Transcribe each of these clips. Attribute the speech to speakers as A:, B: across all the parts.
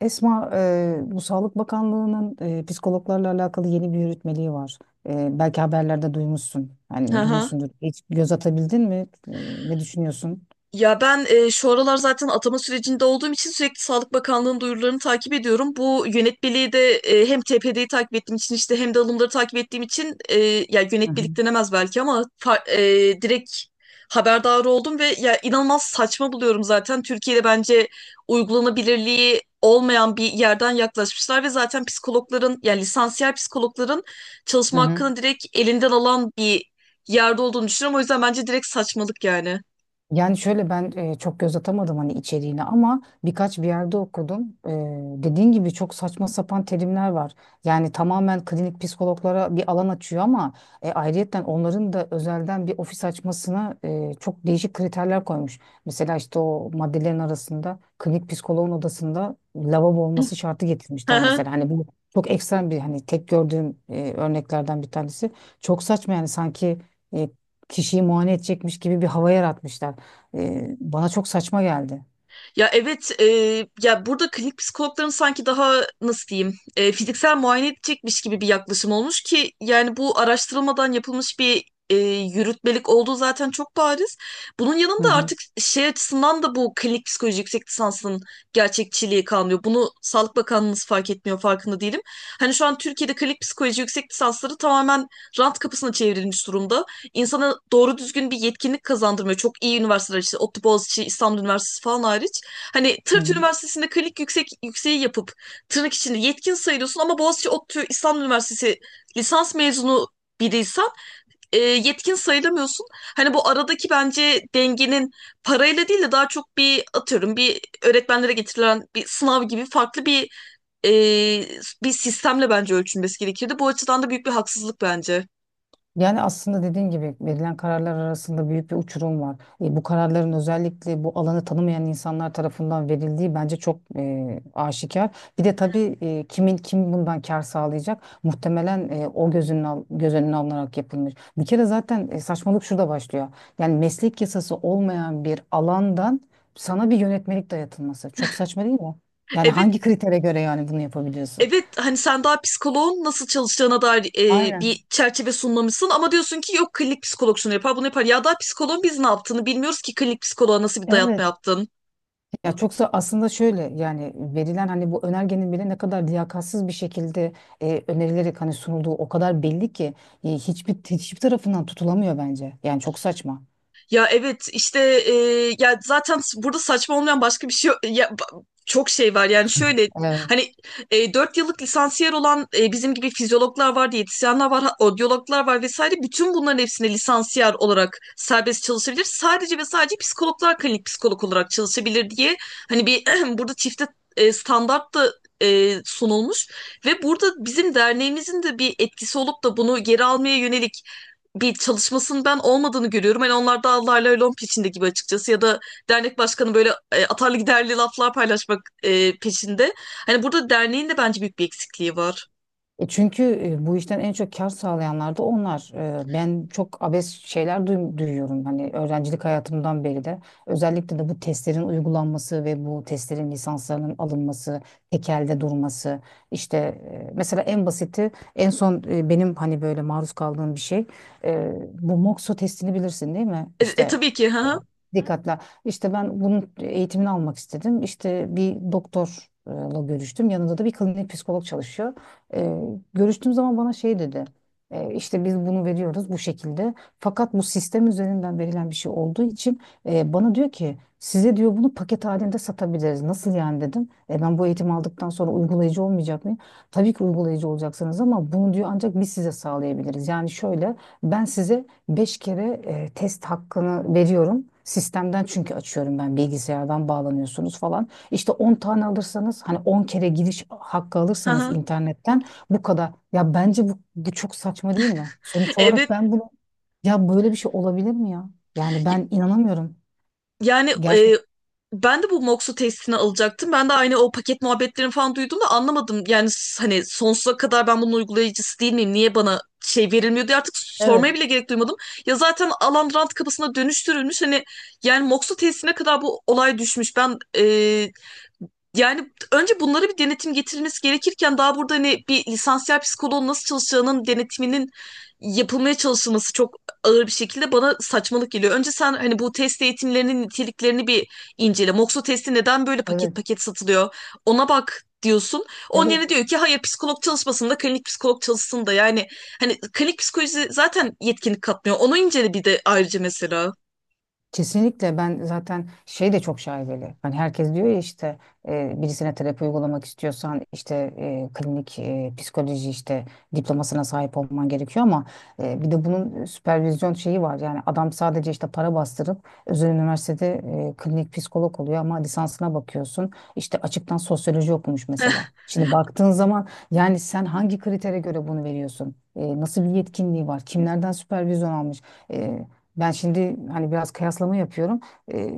A: Esma, bu Sağlık Bakanlığı'nın psikologlarla alakalı yeni bir yürütmeliği var. Belki haberlerde duymuşsun.
B: Hı
A: Yani
B: hı.
A: duymuşsundur. Hiç göz atabildin mi? E, Ne düşünüyorsun?
B: Ya ben şu aralar zaten atama sürecinde olduğum için sürekli Sağlık Bakanlığı'nın duyurularını takip ediyorum. Bu yönetmeliği de hem TPD'yi takip ettiğim için, işte hem de alımları takip ettiğim için ya,
A: Hı hı.
B: yönetmelik denemez belki ama direkt haberdar oldum ve ya inanılmaz saçma buluyorum zaten. Türkiye'de bence uygulanabilirliği olmayan bir yerden yaklaşmışlar ve zaten psikologların, yani lisansiyel psikologların
A: Hı
B: çalışma
A: hı.
B: hakkını direkt elinden alan bir yerde olduğunu düşünüyorum. O yüzden bence direkt saçmalık yani.
A: Yani şöyle ben çok göz atamadım hani içeriğine ama birkaç bir yerde okudum. Dediğin gibi çok saçma sapan terimler var. Yani tamamen klinik psikologlara bir alan açıyor ama ayrıyetten onların da özelden bir ofis açmasına çok değişik kriterler koymuş. Mesela işte o maddelerin arasında klinik psikoloğun odasında lavabo olması şartı
B: Hı
A: getirmişler
B: hı.
A: mesela. Hani bu çok ekstrem bir hani tek gördüğüm örneklerden bir tanesi. Çok saçma yani sanki e, kişiyi muayene edecekmiş gibi bir hava yaratmışlar. Bana çok saçma geldi.
B: Ya evet, ya burada klinik psikologların sanki daha nasıl diyeyim, fiziksel muayene edecekmiş gibi bir yaklaşım olmuş ki, yani bu araştırılmadan yapılmış bir e, yürütmelik olduğu zaten çok bariz. Bunun
A: Hı
B: yanında
A: hı,
B: artık şey açısından da bu klinik psikoloji yüksek lisansının gerçekçiliği kalmıyor. Bunu Sağlık Bakanlığımız fark etmiyor, farkında değilim. Hani şu an Türkiye'de klinik psikoloji yüksek lisansları tamamen rant kapısına çevrilmiş durumda, insana doğru düzgün bir yetkinlik kazandırmıyor. Çok iyi üniversiteler, işte ODTÜ, Boğaziçi, İstanbul Üniversitesi falan hariç. Hani
A: hı
B: Tırt
A: hı.
B: Üniversitesi'nde klinik yüksek yükseği yapıp tırnak içinde yetkin sayılıyorsun ama Boğaziçi, ODTÜ, İstanbul Üniversitesi lisans mezunu biriysen yetkin sayılamıyorsun. Hani bu aradaki bence dengenin parayla değil de daha çok, bir atıyorum, bir öğretmenlere getirilen bir sınav gibi farklı e, bir sistemle bence ölçülmesi gerekirdi. Bu açıdan da büyük bir haksızlık bence.
A: Yani aslında dediğin gibi verilen kararlar arasında büyük bir uçurum var. Bu kararların özellikle bu alanı tanımayan insanlar tarafından verildiği bence çok aşikar. Bir de tabii kim bundan kar sağlayacak? Muhtemelen o göz önüne alınarak yapılmış. Bir kere zaten saçmalık şurada başlıyor. Yani meslek yasası olmayan bir alandan sana bir yönetmelik dayatılması. Çok saçma değil mi? Yani
B: Evet,
A: hangi kritere göre yani bunu yapabiliyorsun?
B: evet, hani sen daha psikoloğun nasıl çalışacağına dair bir
A: Aynen.
B: çerçeve sunmamışsın ama diyorsun ki yok, klinik psikolog şunu yapar bunu yapar. Ya daha psikoloğun biz ne yaptığını bilmiyoruz ki klinik psikoloğa nasıl bir dayatma
A: Evet.
B: yaptın.
A: Ya çoksa aslında şöyle yani verilen hani bu önergenin bile ne kadar liyakatsız bir şekilde önerilerek hani sunulduğu o kadar belli ki hiçbir tarafından tutulamıyor bence. Yani çok saçma.
B: Ya evet, işte e, ya zaten burada saçma olmayan başka bir şey yok. Ya çok şey var, yani şöyle hani 4 yıllık lisansiyer olan bizim gibi fizyologlar var, diyetisyenler var, odyologlar var vesaire, bütün bunların hepsine lisansiyer olarak serbest çalışabilir. Sadece ve sadece psikologlar klinik psikolog olarak çalışabilir diye, hani bir burada çifte standart da sunulmuş ve burada bizim derneğimizin de bir etkisi olup da bunu geri almaya yönelik bir çalışmasının ben olmadığını görüyorum. Hani onlar da Allah'la lom peşinde gibi, açıkçası, ya da dernek başkanı böyle atarlı giderli laflar paylaşmak peşinde. Hani burada derneğin de bence büyük bir eksikliği var.
A: Çünkü bu işten en çok kar sağlayanlar da onlar. Ben çok abes şeyler duyuyorum. Hani öğrencilik hayatımdan beri de. Özellikle de bu testlerin uygulanması ve bu testlerin lisanslarının alınması, tekelde durması. İşte mesela en basiti, en son benim hani böyle maruz kaldığım bir şey. e, Bu MOXO testini bilirsin değil mi?
B: E, e,
A: İşte
B: tabii ki.
A: e,
B: Ha,
A: dikkatle. İşte ben bunun eğitimini almak istedim. İşte bir doktorla görüştüm. Yanında da bir klinik psikolog çalışıyor. Ee, Görüştüğüm zaman bana şey dedi. İşte biz bunu veriyoruz bu şekilde. Fakat bu sistem üzerinden verilen bir şey olduğu için bana diyor ki size diyor bunu paket halinde satabiliriz. Nasıl yani dedim. Ben bu eğitimi aldıktan sonra uygulayıcı olmayacak mıyım? Tabii ki uygulayıcı olacaksınız ama bunu diyor ancak biz size sağlayabiliriz. Yani şöyle ben size beş kere test hakkını veriyorum. Sistemden çünkü açıyorum ben bilgisayardan bağlanıyorsunuz falan. İşte 10 tane alırsanız hani 10 kere giriş hakkı
B: ha,
A: alırsanız
B: ha.
A: internetten bu kadar. Ya bence bu çok saçma değil mi? Sonuç olarak
B: Evet.
A: ben bunu ya böyle bir şey olabilir mi ya? Yani
B: y-
A: ben inanamıyorum.
B: Yani,
A: Gerçek.
B: ben de bu Moxu testini alacaktım. Ben de aynı o paket muhabbetlerini falan duydum da anlamadım. Yani hani sonsuza kadar ben bunun uygulayıcısı değil miyim? Niye bana şey verilmiyor diye artık
A: Evet,
B: sormaya bile gerek duymadım. Ya zaten alan rant kapısına dönüştürülmüş. Hani yani Moxu testine kadar bu olay düşmüş. Ben yani önce bunlara bir denetim getirilmesi gerekirken daha burada, hani bir lisansiyel psikoloğun nasıl çalışacağının denetiminin yapılmaya çalışılması çok ağır bir şekilde bana saçmalık geliyor. Önce sen hani bu test eğitimlerinin niteliklerini bir incele. Moxo testi neden böyle paket
A: evet,
B: paket satılıyor? Ona bak diyorsun. Onun
A: evet.
B: yerine diyor ki hayır, psikolog çalışmasın da klinik psikolog çalışsın da, yani hani klinik psikoloji zaten yetkinlik katmıyor. Onu incele bir de ayrıca mesela.
A: Kesinlikle ben zaten şey de çok şaibeli. Hani herkes diyor ya işte birisine terapi uygulamak istiyorsan işte klinik psikoloji işte diplomasına sahip olman gerekiyor ama bir de bunun süpervizyon şeyi var. Yani adam sadece işte para bastırıp özel üniversitede klinik psikolog oluyor ama lisansına bakıyorsun işte açıktan sosyoloji okumuş mesela. Şimdi baktığın zaman yani sen hangi kritere göre bunu veriyorsun? Nasıl bir yetkinliği var? Kimlerden süpervizyon almış? E, Ben şimdi hani biraz kıyaslama yapıyorum. Ee,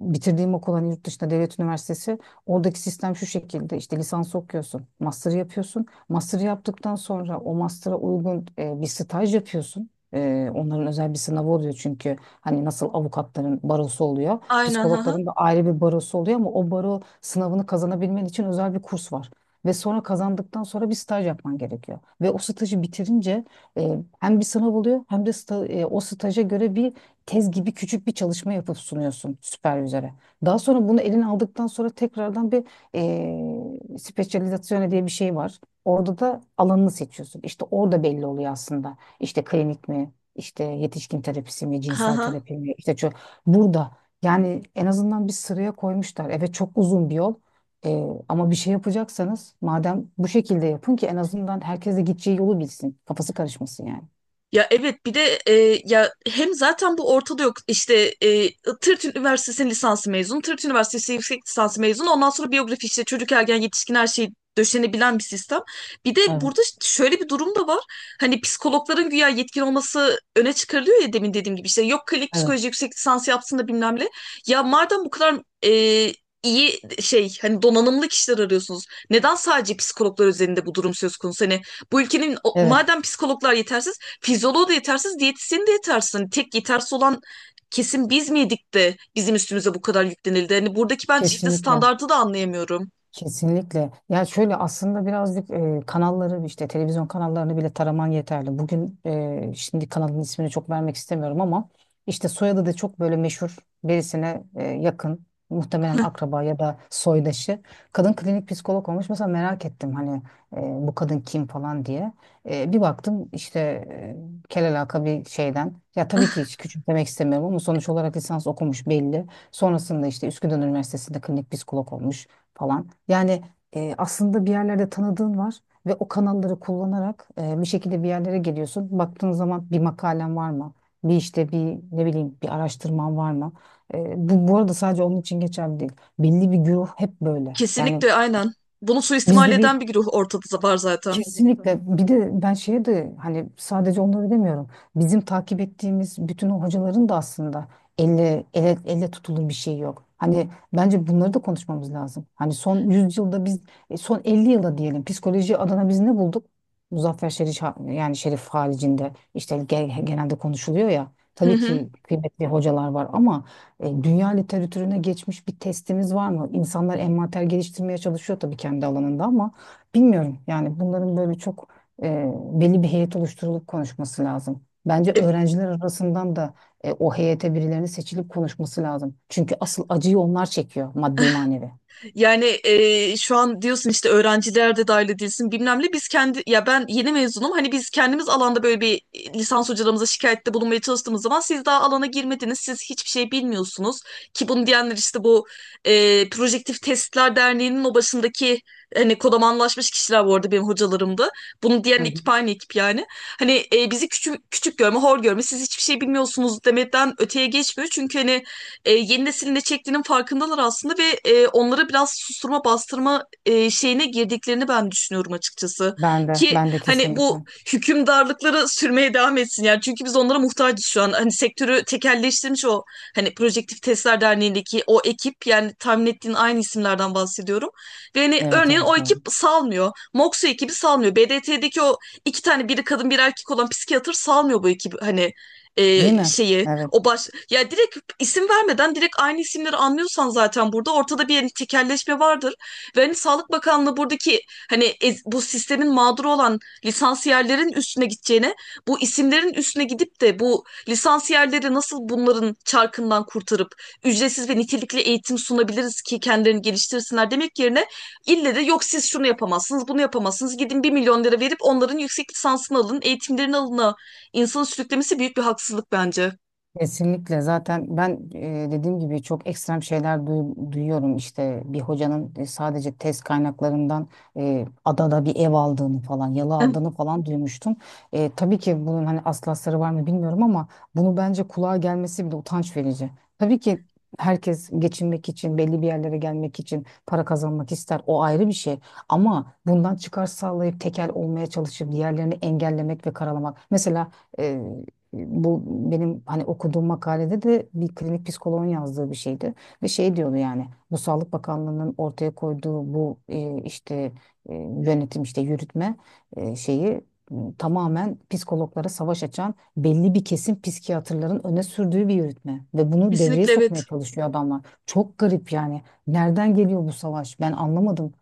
A: Bitirdiğim okul hani yurt dışında devlet üniversitesi. Oradaki sistem şu şekilde işte lisans okuyorsun, master yapıyorsun. Master yaptıktan sonra o master'a uygun bir staj yapıyorsun. Onların özel bir sınavı oluyor çünkü hani nasıl avukatların barosu oluyor,
B: Aynen, ha ha.
A: psikologların da ayrı bir barosu oluyor ama o baro sınavını kazanabilmen için özel bir kurs var. Ve sonra kazandıktan sonra bir staj yapman gerekiyor. Ve o stajı bitirince hem bir sınav oluyor hem de o staja göre bir tez gibi küçük bir çalışma yapıp sunuyorsun süpervizöre. Daha sonra bunu eline aldıktan sonra tekrardan bir specializzazione diye bir şey var. Orada da alanını seçiyorsun. İşte orada belli oluyor aslında. İşte klinik mi, işte yetişkin terapisi mi,
B: Ha
A: cinsel
B: ha.
A: terapi mi, burada yani en azından bir sıraya koymuşlar. Evet çok uzun bir yol, ama bir şey yapacaksanız madem bu şekilde yapın ki en azından herkes de gideceği yolu bilsin. Kafası karışmasın yani.
B: Ya evet, bir de ya hem zaten bu ortada yok, İşte Tırt Üniversitesi'nin lisansı mezunu, Tırt Üniversitesi yüksek lisansı mezunu, ondan sonra biyografi, işte çocuk, ergen, yetişkin, her şeyi döşenebilen bir sistem. Bir de
A: Evet,
B: burada şöyle bir durum da var, hani psikologların güya yetkin olması öne çıkarılıyor ya, demin dediğim gibi, işte yok, klinik
A: evet,
B: psikoloji yüksek lisans yapsın da bilmem ne. Ya madem bu kadar e, iyi şey, hani donanımlı kişiler arıyorsunuz, neden sadece psikologlar üzerinde bu durum söz konusu? Hani bu ülkenin
A: evet.
B: madem psikologlar yetersiz, fizyoloğu da yetersiz, diyetisyeni de yetersiz. Hani tek yetersiz olan kesin biz miydik de bizim üstümüze bu kadar yüklenildi? Hani buradaki ben çifte
A: Kesinlikle.
B: standardı da anlayamıyorum.
A: Kesinlikle. Ya şöyle aslında birazcık kanalları işte televizyon kanallarını bile taraman yeterli. Bugün şimdi kanalın ismini çok vermek istemiyorum ama işte soyadı da çok böyle meşhur birisine yakın muhtemelen akraba ya da soydaşı. Kadın klinik psikolog olmuş. Mesela merak ettim hani bu kadın kim falan diye. Bir baktım işte kelalaka bir şeyden. Ya tabii ki hiç küçümsemek istemiyorum ama sonuç olarak lisans okumuş belli. Sonrasında işte Üsküdar Üniversitesi'nde klinik psikolog olmuş falan. Yani aslında bir yerlerde tanıdığın var ve o kanalları kullanarak bir şekilde bir yerlere geliyorsun. Baktığın zaman bir makalen var mı? Bir işte bir ne bileyim bir araştırman var mı? Bu arada sadece onun için geçerli değil. Belli bir güruh hep böyle. Yani
B: Kesinlikle, aynen. Bunu suistimal
A: bizde bir.
B: eden bir güruh ortada var zaten.
A: Kesinlikle. Bir de ben şeye de hani sadece onları demiyorum. Bizim takip ettiğimiz bütün o hocaların da aslında elle tutulur bir şey yok. Hani bence bunları da konuşmamız lazım. Hani son 100 yılda biz son 50 yılda diyelim psikoloji adına biz ne bulduk? Muzaffer Şerif yani Şerif haricinde işte genelde konuşuluyor ya.
B: Hı
A: Tabii
B: hı.
A: ki kıymetli hocalar var ama dünya literatürüne geçmiş bir testimiz var mı? İnsanlar envanter geliştirmeye çalışıyor tabii kendi alanında ama bilmiyorum yani bunların böyle çok e, belli bir heyet oluşturulup konuşması lazım. Bence
B: E,
A: öğrenciler arasından da o heyete birilerinin seçilip konuşması lazım. Çünkü asıl acıyı onlar çekiyor maddi manevi.
B: Yani, şu an diyorsun işte öğrenciler de dahil edilsin bilmem ne. Biz kendi, ya ben yeni mezunum. Hani biz kendimiz alanda böyle bir lisans hocalarımıza şikayette bulunmaya çalıştığımız zaman siz daha alana girmediniz, siz hiçbir şey bilmiyorsunuz. Ki bunu diyenler, işte bu Projektif Testler Derneği'nin o başındaki hani kodamanlaşmış kişiler, bu arada benim hocalarımdı. Bunu
A: Hı
B: diyen
A: hı.
B: ekip aynı ekip yani. Hani bizi küçük küçük görme, hor görme, siz hiçbir şey bilmiyorsunuz demeden öteye geçmiyor. Çünkü hani yeni neslin ne çektiğinin farkındalar aslında ve onlara biraz susturma, bastırma şeyine girdiklerini ben düşünüyorum açıkçası.
A: Ben de
B: Ki
A: ben de
B: hani bu
A: kesinlikle.
B: hükümdarlıkları sürmeye devam etsin yani, çünkü biz onlara muhtacız şu an. Hani sektörü tekelleştirmiş o, hani Projektif Testler Derneği'ndeki o ekip, yani tahmin ettiğin aynı isimlerden bahsediyorum. Ve hani
A: Evet
B: örneğin o
A: evet
B: ekip
A: doğru.
B: salmıyor, Moxu ekibi salmıyor, BDT'deki o iki tane biri kadın bir erkek olan psikiyatr salmıyor bu ekibi, hani
A: Değil mi?
B: şeyi
A: Evet.
B: o baş, ya direkt isim vermeden direkt aynı isimleri anlıyorsan zaten burada ortada bir hani tekelleşme vardır. Ve hani Sağlık Bakanlığı buradaki hani bu sistemin mağduru olan lisansiyerlerin üstüne gideceğine, bu isimlerin üstüne gidip de bu lisansiyerleri nasıl bunların çarkından kurtarıp ücretsiz ve nitelikli eğitim sunabiliriz ki kendilerini geliştirsinler demek yerine, ille de yok siz şunu yapamazsınız bunu yapamazsınız, gidin bir milyon lira verip onların yüksek lisansını alın, eğitimlerini alın, insanı sürüklemesi büyük bir haksızlık bence.
A: Kesinlikle zaten ben dediğim gibi çok ekstrem şeyler duyuyorum işte bir hocanın sadece test kaynaklarından adada bir ev aldığını falan yalı aldığını falan duymuştum. Tabii ki bunun hani aslı var mı bilmiyorum ama bunu bence kulağa gelmesi bile utanç verici. Tabii ki herkes geçinmek için belli bir yerlere gelmek için para kazanmak ister o ayrı bir şey ama bundan çıkar sağlayıp tekel olmaya çalışıp diğerlerini engellemek ve karalamak. Mesela bu benim hani okuduğum makalede de bir klinik psikoloğun yazdığı bir şeydi. Ve şey diyordu yani bu Sağlık Bakanlığı'nın ortaya koyduğu bu işte yönetim işte yürütme şeyi tamamen psikologlara savaş açan belli bir kesim psikiyatrların öne sürdüğü bir yürütme. Ve bunu devreye
B: Kesinlikle,
A: sokmaya
B: evet.
A: çalışıyor adamlar. Çok garip yani. Nereden geliyor bu savaş? Ben anlamadım.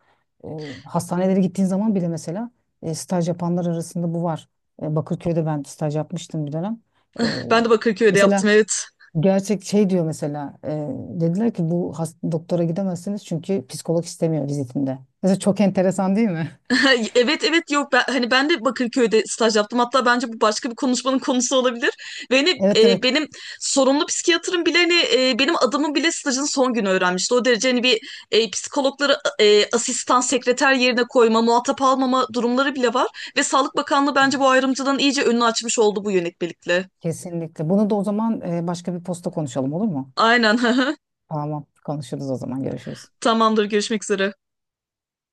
A: E, Hastanelere gittiğin zaman bile mesela staj yapanlar arasında bu var. Bakırköy'de ben staj yapmıştım bir dönem. Ee,
B: Ben de Bakırköy'de
A: Mesela
B: yaptım, evet.
A: gerçek şey diyor mesela dediler ki bu doktora gidemezsiniz çünkü psikolog istemiyor vizitinde. Mesela çok enteresan değil mi?
B: Evet, evet, yok ben, hani ben de Bakırköy'de staj yaptım. Hatta bence bu başka bir konuşmanın konusu olabilir. Ve hani,
A: Evet evet.
B: benim sorumlu psikiyatrım bile, hani, benim adımı bile stajın son günü öğrenmişti. O derece, hani bir psikologları asistan sekreter yerine koyma, muhatap almama durumları bile var. Ve Sağlık Bakanlığı bence bu ayrımcılığın iyice önünü açmış oldu bu yönetmelikle.
A: Kesinlikle. Bunu da o zaman başka bir posta konuşalım olur mu?
B: Aynen.
A: Tamam. Konuşuruz o zaman. Görüşürüz.
B: Tamamdır, görüşmek üzere.